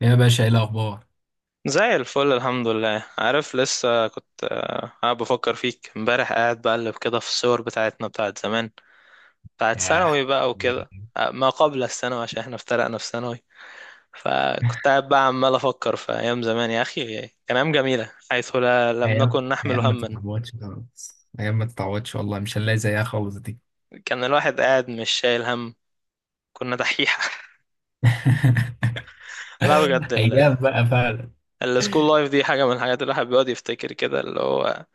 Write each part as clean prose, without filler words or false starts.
يا باشا، ايه الاخبار؟ زي الفل، الحمد لله. عارف، لسه كنت قاعد بفكر فيك امبارح، قاعد بقلب كده في الصور بتاعتنا بتاعت زمان، بتاعت ثانوي ياه، بقى وكده. بجد. ما قبل الثانوي عشان احنا افترقنا في ثانوي. فكنت قاعد بقى عمال افكر في ايام زمان يا اخي، كان ايام جميله حيث لا لم ايام، نكن نحمل ايام ما هما. تتعوضش خالص، ايام ما تتعوضش، والله مش هنلاقي زيها خالص دي. كان الواحد قاعد مش شايل هم، كنا دحيحه. لا بجد ايام بقى فعلا. السكول لايف دي حاجه من الحاجات اللي الواحد بيقعد يفتكر كده، اللي هو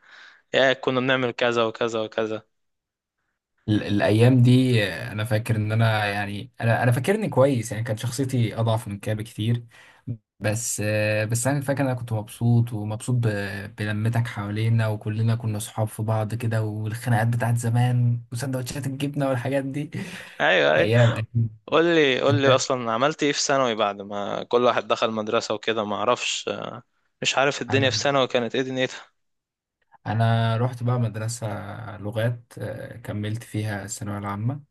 يا كنا بنعمل كذا وكذا وكذا. الايام دي، انا فاكر ان انا، يعني انا فاكرني كويس، يعني كانت شخصيتي اضعف من كده بكتير. بس انا فاكر إن انا كنت مبسوط، ومبسوط بلمتك حوالينا، وكلنا كنا صحاب في بعض كده، والخناقات بتاعت زمان وسندوتشات الجبنه والحاجات دي. ايوه أيوه. ايام اكيد. قول لي قول انت؟ لي اصلا عملت ايه في ثانوي بعد ما كل واحد دخل مدرسة وكده؟ ما اعرفش، مش عارف الدنيا في ثانوي كانت ايه دنيتها. انا رحت بقى مدرسة لغات، كملت فيها الثانوية العامة.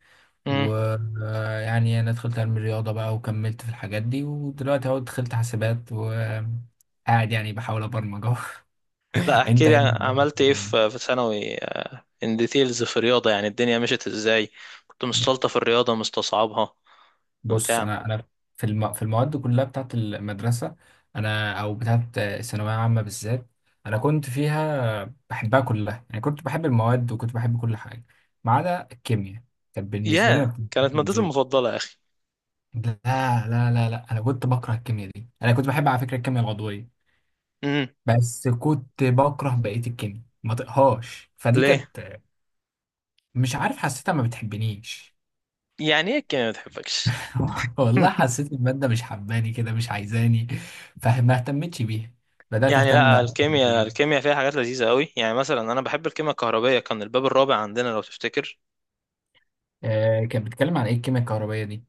امم. ويعني انا دخلت علم الرياضة بقى وكملت في الحاجات دي، ودلوقتي اهو دخلت حاسبات وقاعد يعني بحاول ابرمج اهو. لا انت احكي لي ايه عملت ايه الأخبار؟ في ثانوي، ان ديتيلز في الرياضة. يعني الدنيا مشيت ازاي؟ كنت مستلطة في الرياضة مستصعبها بص، بتاع. انا في المواد كلها بتاعت المدرسة، انا او بتاعت الثانوية العامة بالذات، انا كنت فيها بحبها كلها، يعني كنت بحب المواد وكنت بحب كل حاجة ما عدا الكيمياء. كانت بالنسبة لي ما ياه كانت مادتي بتنزلش. المفضلة يا اخي. لا لا لا، انا كنت بكره الكيمياء دي. انا كنت بحب على فكره الكيمياء العضويه، امم. بس كنت بكره بقيه الكيمياء، ما طقهاش، فدي ليه؟ كانت، مش عارف، حسيتها ما بتحبنيش. يعني ايه الكيمياء ما بتحبكش؟ والله حسيت الماده مش حباني كده، مش عايزاني، فما اهتمتش بيها. بدات يعني اهتم لا، الكيمياء بالرياضه. الكيمياء فيها حاجات لذيذة قوي. يعني مثلا انا بحب الكيمياء الكهربائية، كان الباب الرابع عندنا لو تفتكر. آه، كانت بتتكلم عن ايه الكيمياء الكهربائيه دي؟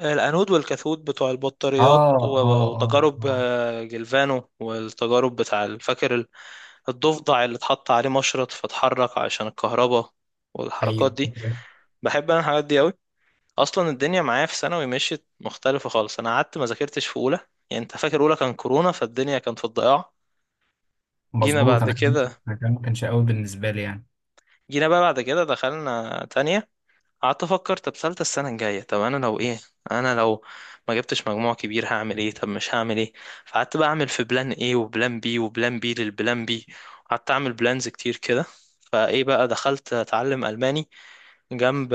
الأنود والكاثود بتوع البطاريات، اه اه اه. وتجارب، اه. جلفانو، والتجارب بتاع فاكر الضفدع اللي اتحط عليه مشرط فاتحرك عشان الكهرباء والحركات ايوه. دي. بحب انا الحاجات دي قوي. اصلا الدنيا معايا في ثانوي مشيت مختلفة خالص. انا قعدت ما ذاكرتش في اولى، يعني انت فاكر اولى كان كورونا، فالدنيا كانت في الضياع. جينا مظبوط، بعد انا كمان. كده انا كمان ما كانش قوي بالنسبه لي يعني. جينا بقى بعد كده دخلنا تانية. قعدت افكر طب ثالثه السنه الجايه، طب انا لو ما جبتش مجموع كبير هعمل ايه؟ طب مش هعمل ايه؟ فقعدت بقى اعمل في بلان ايه، وبلان بي، وبلان بي للبلان بي. قعدت اعمل بلانز كتير كده. فايه بقى، دخلت اتعلم الماني جنب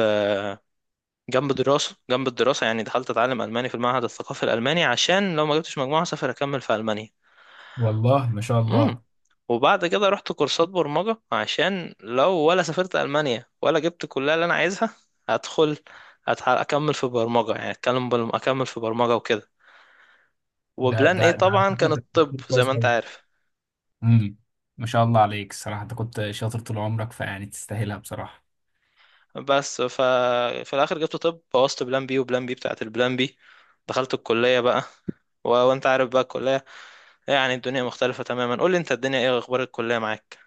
جنب الدراسه. يعني دخلت اتعلم الماني في المعهد الثقافي الالماني عشان لو ما جبتش مجموعه اسافر اكمل في المانيا. والله ما شاء امم. الله. وبعد كده رحت كورسات برمجة، عشان لو ولا سافرت ألمانيا ولا جبت الكلية اللي أنا عايزها هدخل أكمل في برمجة. يعني أكمل في برمجة وكده. ده وبلان ده إيه ده على طبعا فكرة كان الطب تفكير زي ما كويس أنت أوي. عارف. امم. ما شاء الله عليك، الصراحة انت كنت شاطر طول عمرك، فيعني تستاهلها بصراحة. بس ف... في الآخر جبت طب، بوظت بلان بي وبلان بي بتاعت البلان بي. دخلت الكلية بقى، وأنت عارف بقى الكلية. يعني الدنيا مختلفة تماما. قول لي أنت الدنيا إيه؟ أخبار الكلية معاك؟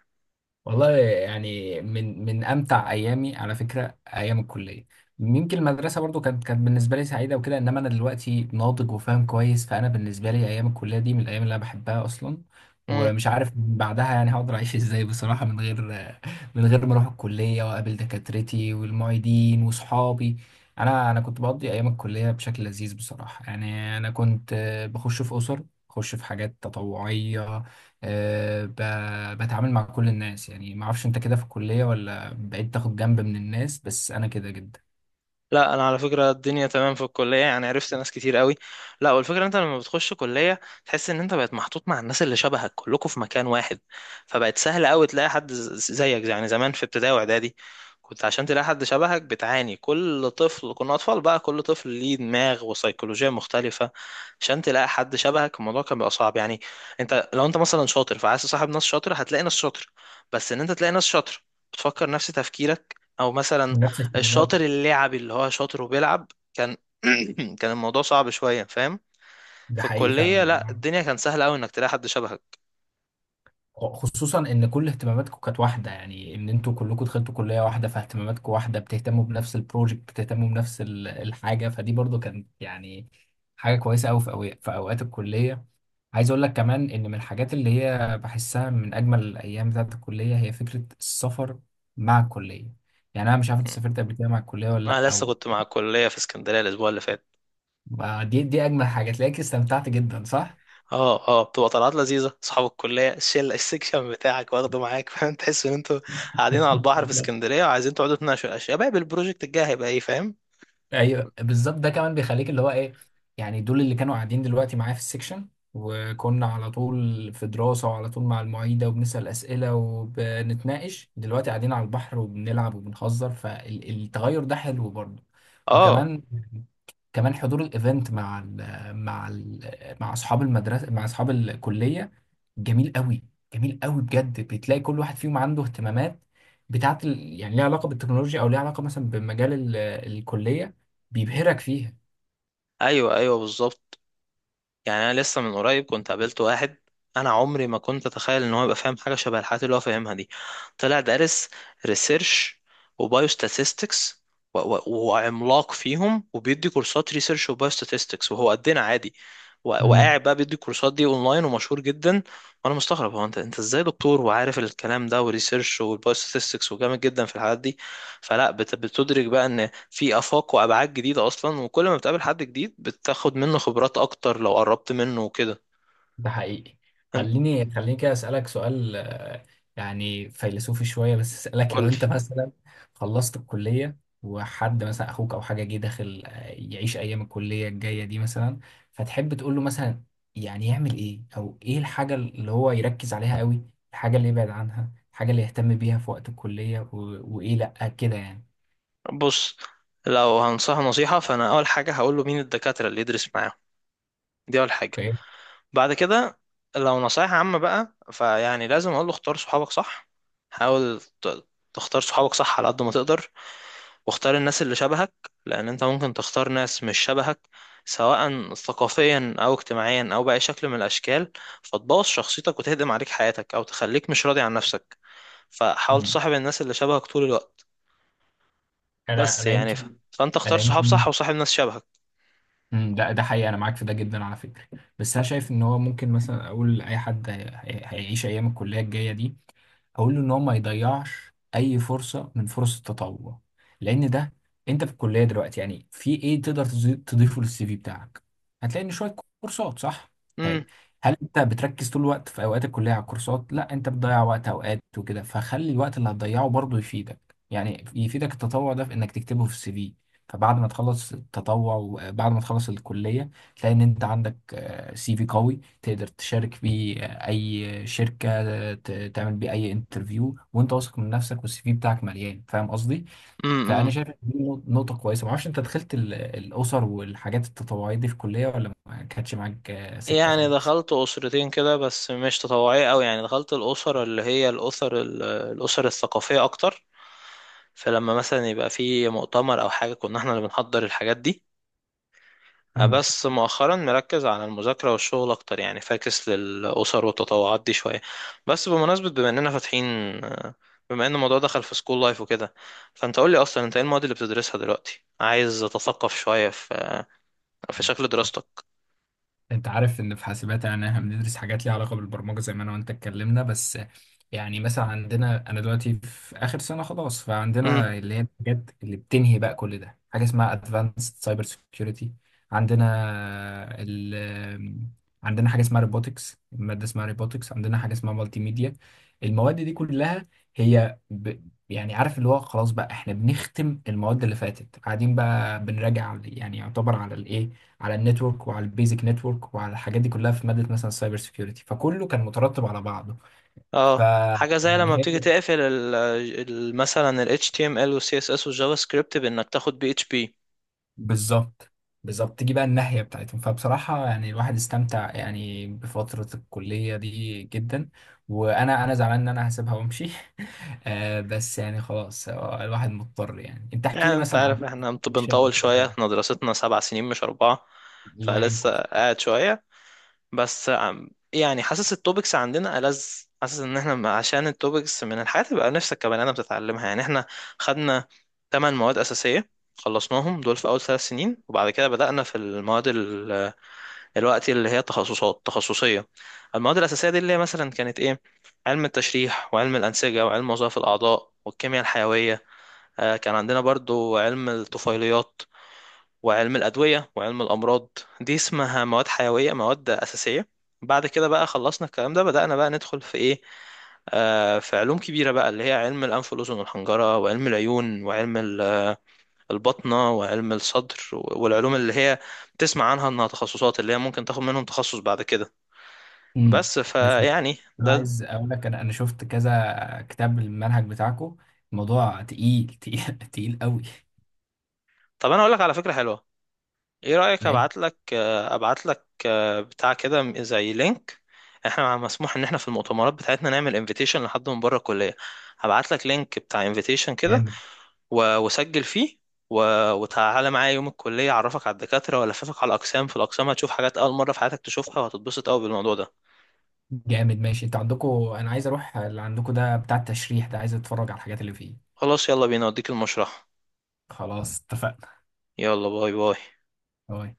والله يعني من امتع ايامي على فكره ايام الكليه. يمكن المدرسه برضو كانت بالنسبه لي سعيده وكده، انما انا دلوقتي ناضج وفاهم كويس، فانا بالنسبه لي ايام الكليه دي من الايام اللي انا بحبها اصلا. ومش عارف بعدها يعني هقدر اعيش ازاي بصراحه، من غير، من غير ما اروح الكليه واقابل دكاترتي والمعيدين وصحابي. انا كنت بقضي ايام الكليه بشكل لذيذ بصراحه، يعني انا كنت بخش في اسر، بخش في حاجات تطوعيه. أه، بتعامل مع كل الناس، يعني ما اعرفش انت كده في الكلية، ولا بقيت تاخد جنب من الناس؟ بس انا كده جدا. لا انا على فكره الدنيا تمام في الكليه، يعني عرفت ناس كتير قوي. لا، والفكره إن انت لما بتخش كليه تحس ان انت بقت محطوط مع الناس اللي شبهك كلكم في مكان واحد، فبقت سهل قوي تلاقي حد زيك. يعني زمان في ابتدائي واعدادي كنت عشان تلاقي حد شبهك بتعاني. كل طفل، كنا اطفال بقى، كل طفل ليه دماغ وسيكولوجيه مختلفه، عشان تلاقي حد شبهك الموضوع كان بيبقى صعب يعني. انت لو مثلا شاطر فعايز تصاحب ناس شاطره هتلاقي ناس شاطره. بس ان انت تلاقي ناس شاطره بتفكر نفس تفكيرك، او مثلا ونفس الشاطر اهتماماتك. اللعبي اللي هو شاطر وبيلعب، كان كان الموضوع صعب شوية، فاهم؟ ده في حقيقي الكلية فعلا. لا الدنيا كان سهلة أوي إنك تلاقي حد شبهك. خصوصا ان كل اهتماماتكم كانت واحدة، يعني ان انتوا كلكم دخلتوا كلية واحدة فاهتماماتكم واحدة، بتهتموا بنفس البروجكت، بتهتموا بنفس الحاجة، فدي برضو كانت يعني حاجة كويسة قوي في في اوقات الكلية. عايز اقول لك كمان ان من الحاجات اللي هي بحسها من اجمل الايام بتاعت الكليه هي فكره السفر مع الكليه. يعني انا مش عارف انت سافرت قبل كده مع الكليه ولا لا، أنا لسه او، كنت مع الكلية في اسكندرية الأسبوع اللي فات. ما دي دي اجمل حاجه، تلاقيك استمتعت جدا صح؟ اه اه، بتبقى طلعات لذيذة، أصحاب الكلية الشلة السكشن بتاعك واخده معاك فاهم، تحس إن أنتوا قاعدين على البحر في اسكندرية وعايزين تقعدوا تناقشوا يا شباب البروجكت الجاي هيبقى إيه، فاهم؟ ايوه بالظبط. ده كمان بيخليك اللي هو ايه، يعني دول اللي كانوا قاعدين دلوقتي معايا في السكشن، وكنا على طول في دراسة وعلى طول مع المعيدة وبنسأل أسئلة وبنتناقش، دلوقتي قاعدين على البحر وبنلعب وبنهزر، فالتغير ده حلو برضه. اه وكمان، كمان حضور الايفنت مع ال مع ال مع اصحاب المدرسه، مع اصحاب الكليه، جميل قوي. جميل قوي بجد، بتلاقي كل واحد فيهم عنده اهتمامات بتاعت يعني ليها علاقه بالتكنولوجيا، او ليها علاقه مثلا بمجال الكليه، بيبهرك فيها. أيوه أيوه بالظبط. يعني انا لسه من قريب كنت قابلت واحد، انا عمري ما كنت اتخيل ان هو يبقى فاهم حاجه شبه الحاجات اللي هو فاهمها دي. طلع دارس ريسيرش وبايوستاتستكس وعملاق فيهم، وبيدي كورسات ريسيرش وبايوستاتستكس وهو قدنا عادي. مم. وقاعد بقى بيدي الكورسات دي اونلاين ومشهور جدا. وانا مستغرب، هو انت ازاي دكتور وعارف الكلام ده، وريسيرش والبايوستاتستكس وجامد جدا في الحاجات دي. فلا بتدرك بقى ان في آفاق وأبعاد جديدة أصلا، وكل ما بتقابل حد جديد بتاخد منه خبرات أكتر لو قربت منه وكده. ده حقيقي. أنت خليني كده أسألك سؤال، يعني فيلسوفي شوية، بس أسألك، لو قولي. أنت مثلا خلصت الكلية وحد مثلا أخوك أو حاجة جه داخل، يعيش أيام الكلية الجاية دي مثلا، فتحب تقول له مثلا، يعني يعمل إيه؟ أو إيه الحاجة اللي هو يركز عليها قوي؟ الحاجة اللي يبعد عنها؟ الحاجة اللي يهتم بيها في وقت الكلية؟ وإيه لأ كده يعني؟ بص، لو هنصح نصيحة فأنا أول حاجة هقوله مين الدكاترة اللي يدرس معاهم، دي أول حاجة. أوكي. بعد كده، لو نصايح عامة بقى، فيعني لازم أقوله اختار صحابك صح. حاول ت- تختار صحابك صح على قد ما تقدر، واختار الناس اللي شبهك. لأن أنت ممكن تختار ناس مش شبهك، سواء ثقافيا أو اجتماعيا أو بأي شكل من الأشكال، فتبوظ شخصيتك وتهدم عليك حياتك، أو تخليك مش راضي عن نفسك. فحاول مم. تصاحب الناس اللي شبهك طول الوقت. أنا بس أنا يعني ف... يمكن. فأنت اختار أنا صحاب يمكن. صح وصاحب ناس شبهك. امم، ده حقيقي، انا معاك في ده جدا على فكره. بس انا شايف ان هو ممكن مثلا اقول لاي حد هيعيش ايام الكليه الجايه دي، اقول له ان هو ما يضيعش اي فرصه من فرص التطوع، لان ده، انت في الكليه دلوقتي، يعني في ايه تقدر تضيفه للسي في بتاعك؟ هتلاقي ان شويه كورسات صح. امم. طيب، هل انت بتركز طول الوقت في اوقات الكليه على الكورسات؟ لا، انت بتضيع وقت اوقات وكده، فخلي الوقت اللي هتضيعه برضه يفيدك. يعني يفيدك التطوع ده في انك تكتبه في السي في. فبعد ما تخلص التطوع وبعد ما تخلص الكلية، تلاقي إن أنت عندك سي في قوي تقدر تشارك بيه أي شركة، تعمل بيه أي انترفيو، وأنت واثق من نفسك والسي في بتاعك مليان، فاهم قصدي؟ فأنا امم. شايف إن دي نقطة كويسة. معرفش أنت دخلت الأسر والحاجات التطوعية دي في الكلية، ولا ما كانتش معاك سكة يعني خالص؟ دخلت أسرتين كده، بس مش تطوعية أوي. يعني دخلت الأسر اللي هي الأسر الثقافية أكتر، فلما مثلا يبقى في مؤتمر أو حاجة كنا احنا اللي بنحضر الحاجات دي. بس مؤخرا مركز على المذاكرة والشغل أكتر يعني، فاكس للأسر والتطوعات دي شوية. بس بمناسبة، بما إننا فاتحين، أه، بما إن الموضوع دخل في سكول لايف وكده، فأنت قولي أصلا أنت إيه المواد اللي بتدرسها دلوقتي؟ عايز أتثقف شوية في في مم. شكل دراستك. انت عارف ان في حاسبات يعني احنا بندرس حاجات ليها علاقه بالبرمجه زي ما انا وانت اتكلمنا. بس يعني مثلا عندنا، انا دلوقتي في اخر سنه خلاص، امم. فعندنا اللي هي الحاجات اللي بتنهي بقى كل ده، حاجه اسمها ادفانسد سايبر سكيورتي. عندنا ال عندنا حاجه اسمها روبوتكس، ماده اسمها روبوتكس. عندنا حاجه اسمها مالتي ميديا. المواد دي كلها هي يعني عارف اللي هو خلاص بقى احنا بنختم المواد اللي فاتت، قاعدين بقى بنراجع يعني يعتبر على الايه، على النتورك وعلى البيزك نتورك وعلى الحاجات دي كلها في ماده مثلا السايبر سيكيورتي، فكله كان مترتب على بعضه. ف اه حاجة زي لما يعني هي بتيجي تقفل مثلا ال HTML وال CSS والجافا سكريبت بإنك تاخد PHP. بالظبط، بالظبط، تيجي بقى الناحيه بتاعتهم. فبصراحه يعني الواحد استمتع يعني بفتره الكليه دي جدا، وانا، انا زعلان ان انا هسيبها وامشي. آه بس يعني خلاص، الواحد مضطر يعني. انت احكي يعني لي أنت مثلا عن عارف إحنا fiction بنطول شوية، كده. إحنا دراستنا 7 سنين مش 4. الله فلسه يعينكم. قاعد شوية. يعني حاسس التوبكس عندنا ألذ. حاسس ان احنا عشان التوبكس من الحاجات اللي بقى نفسك كبني ادم تتعلمها. يعني احنا خدنا 8 مواد اساسيه، خلصناهم دول في اول 3 سنين. وبعد كده بدأنا في المواد الوقت اللي هي تخصصات تخصصيه. المواد الاساسيه دي اللي هي مثلا كانت ايه؟ علم التشريح وعلم الانسجه وعلم وظائف الاعضاء والكيمياء الحيويه. كان عندنا برضو علم الطفيليات وعلم الأدوية وعلم الأمراض. دي اسمها مواد حيوية، مواد أساسية. بعد كده بقى خلصنا الكلام ده بدأنا بقى ندخل في إيه؟ آه في علوم كبيرة بقى، اللي هي علم الأنف والأذن والحنجرة وعلم العيون وعلم البطنة وعلم الصدر، والعلوم اللي هي بتسمع عنها إنها تخصصات اللي هي ممكن تاخد منهم تخصص بعد كده. امم، بس بس فيعني انا ده. عايز اقول لك، انا شفت كذا كتاب المنهج بتاعكم، الموضوع تقيل تقيل قوي. طب أنا أقول لك على فكرة حلوة. ايه رأيك ماشي. ابعت لك؟ ابعت لك بتاع كده زي لينك، احنا مسموح ان احنا في المؤتمرات بتاعتنا نعمل انفيتيشن لحد من بره الكلية. هبعت لك لينك بتاع انفيتيشن كده، جامد. وسجل فيه، وتعالى معايا يوم الكلية اعرفك على الدكاترة والففك على الاقسام، في الاقسام هتشوف حاجات اول مرة في حياتك تشوفها وهتتبسط قوي بالموضوع ده. جامد ماشي. انتوا عندكم، انا عايز اروح اللي عندكم ده بتاع التشريح ده، عايز اتفرج على الحاجات اللي فيه. خلاص، يلا بينا اوديك المشرحة. خلاص اتفقنا. يلا، باي باي. باي.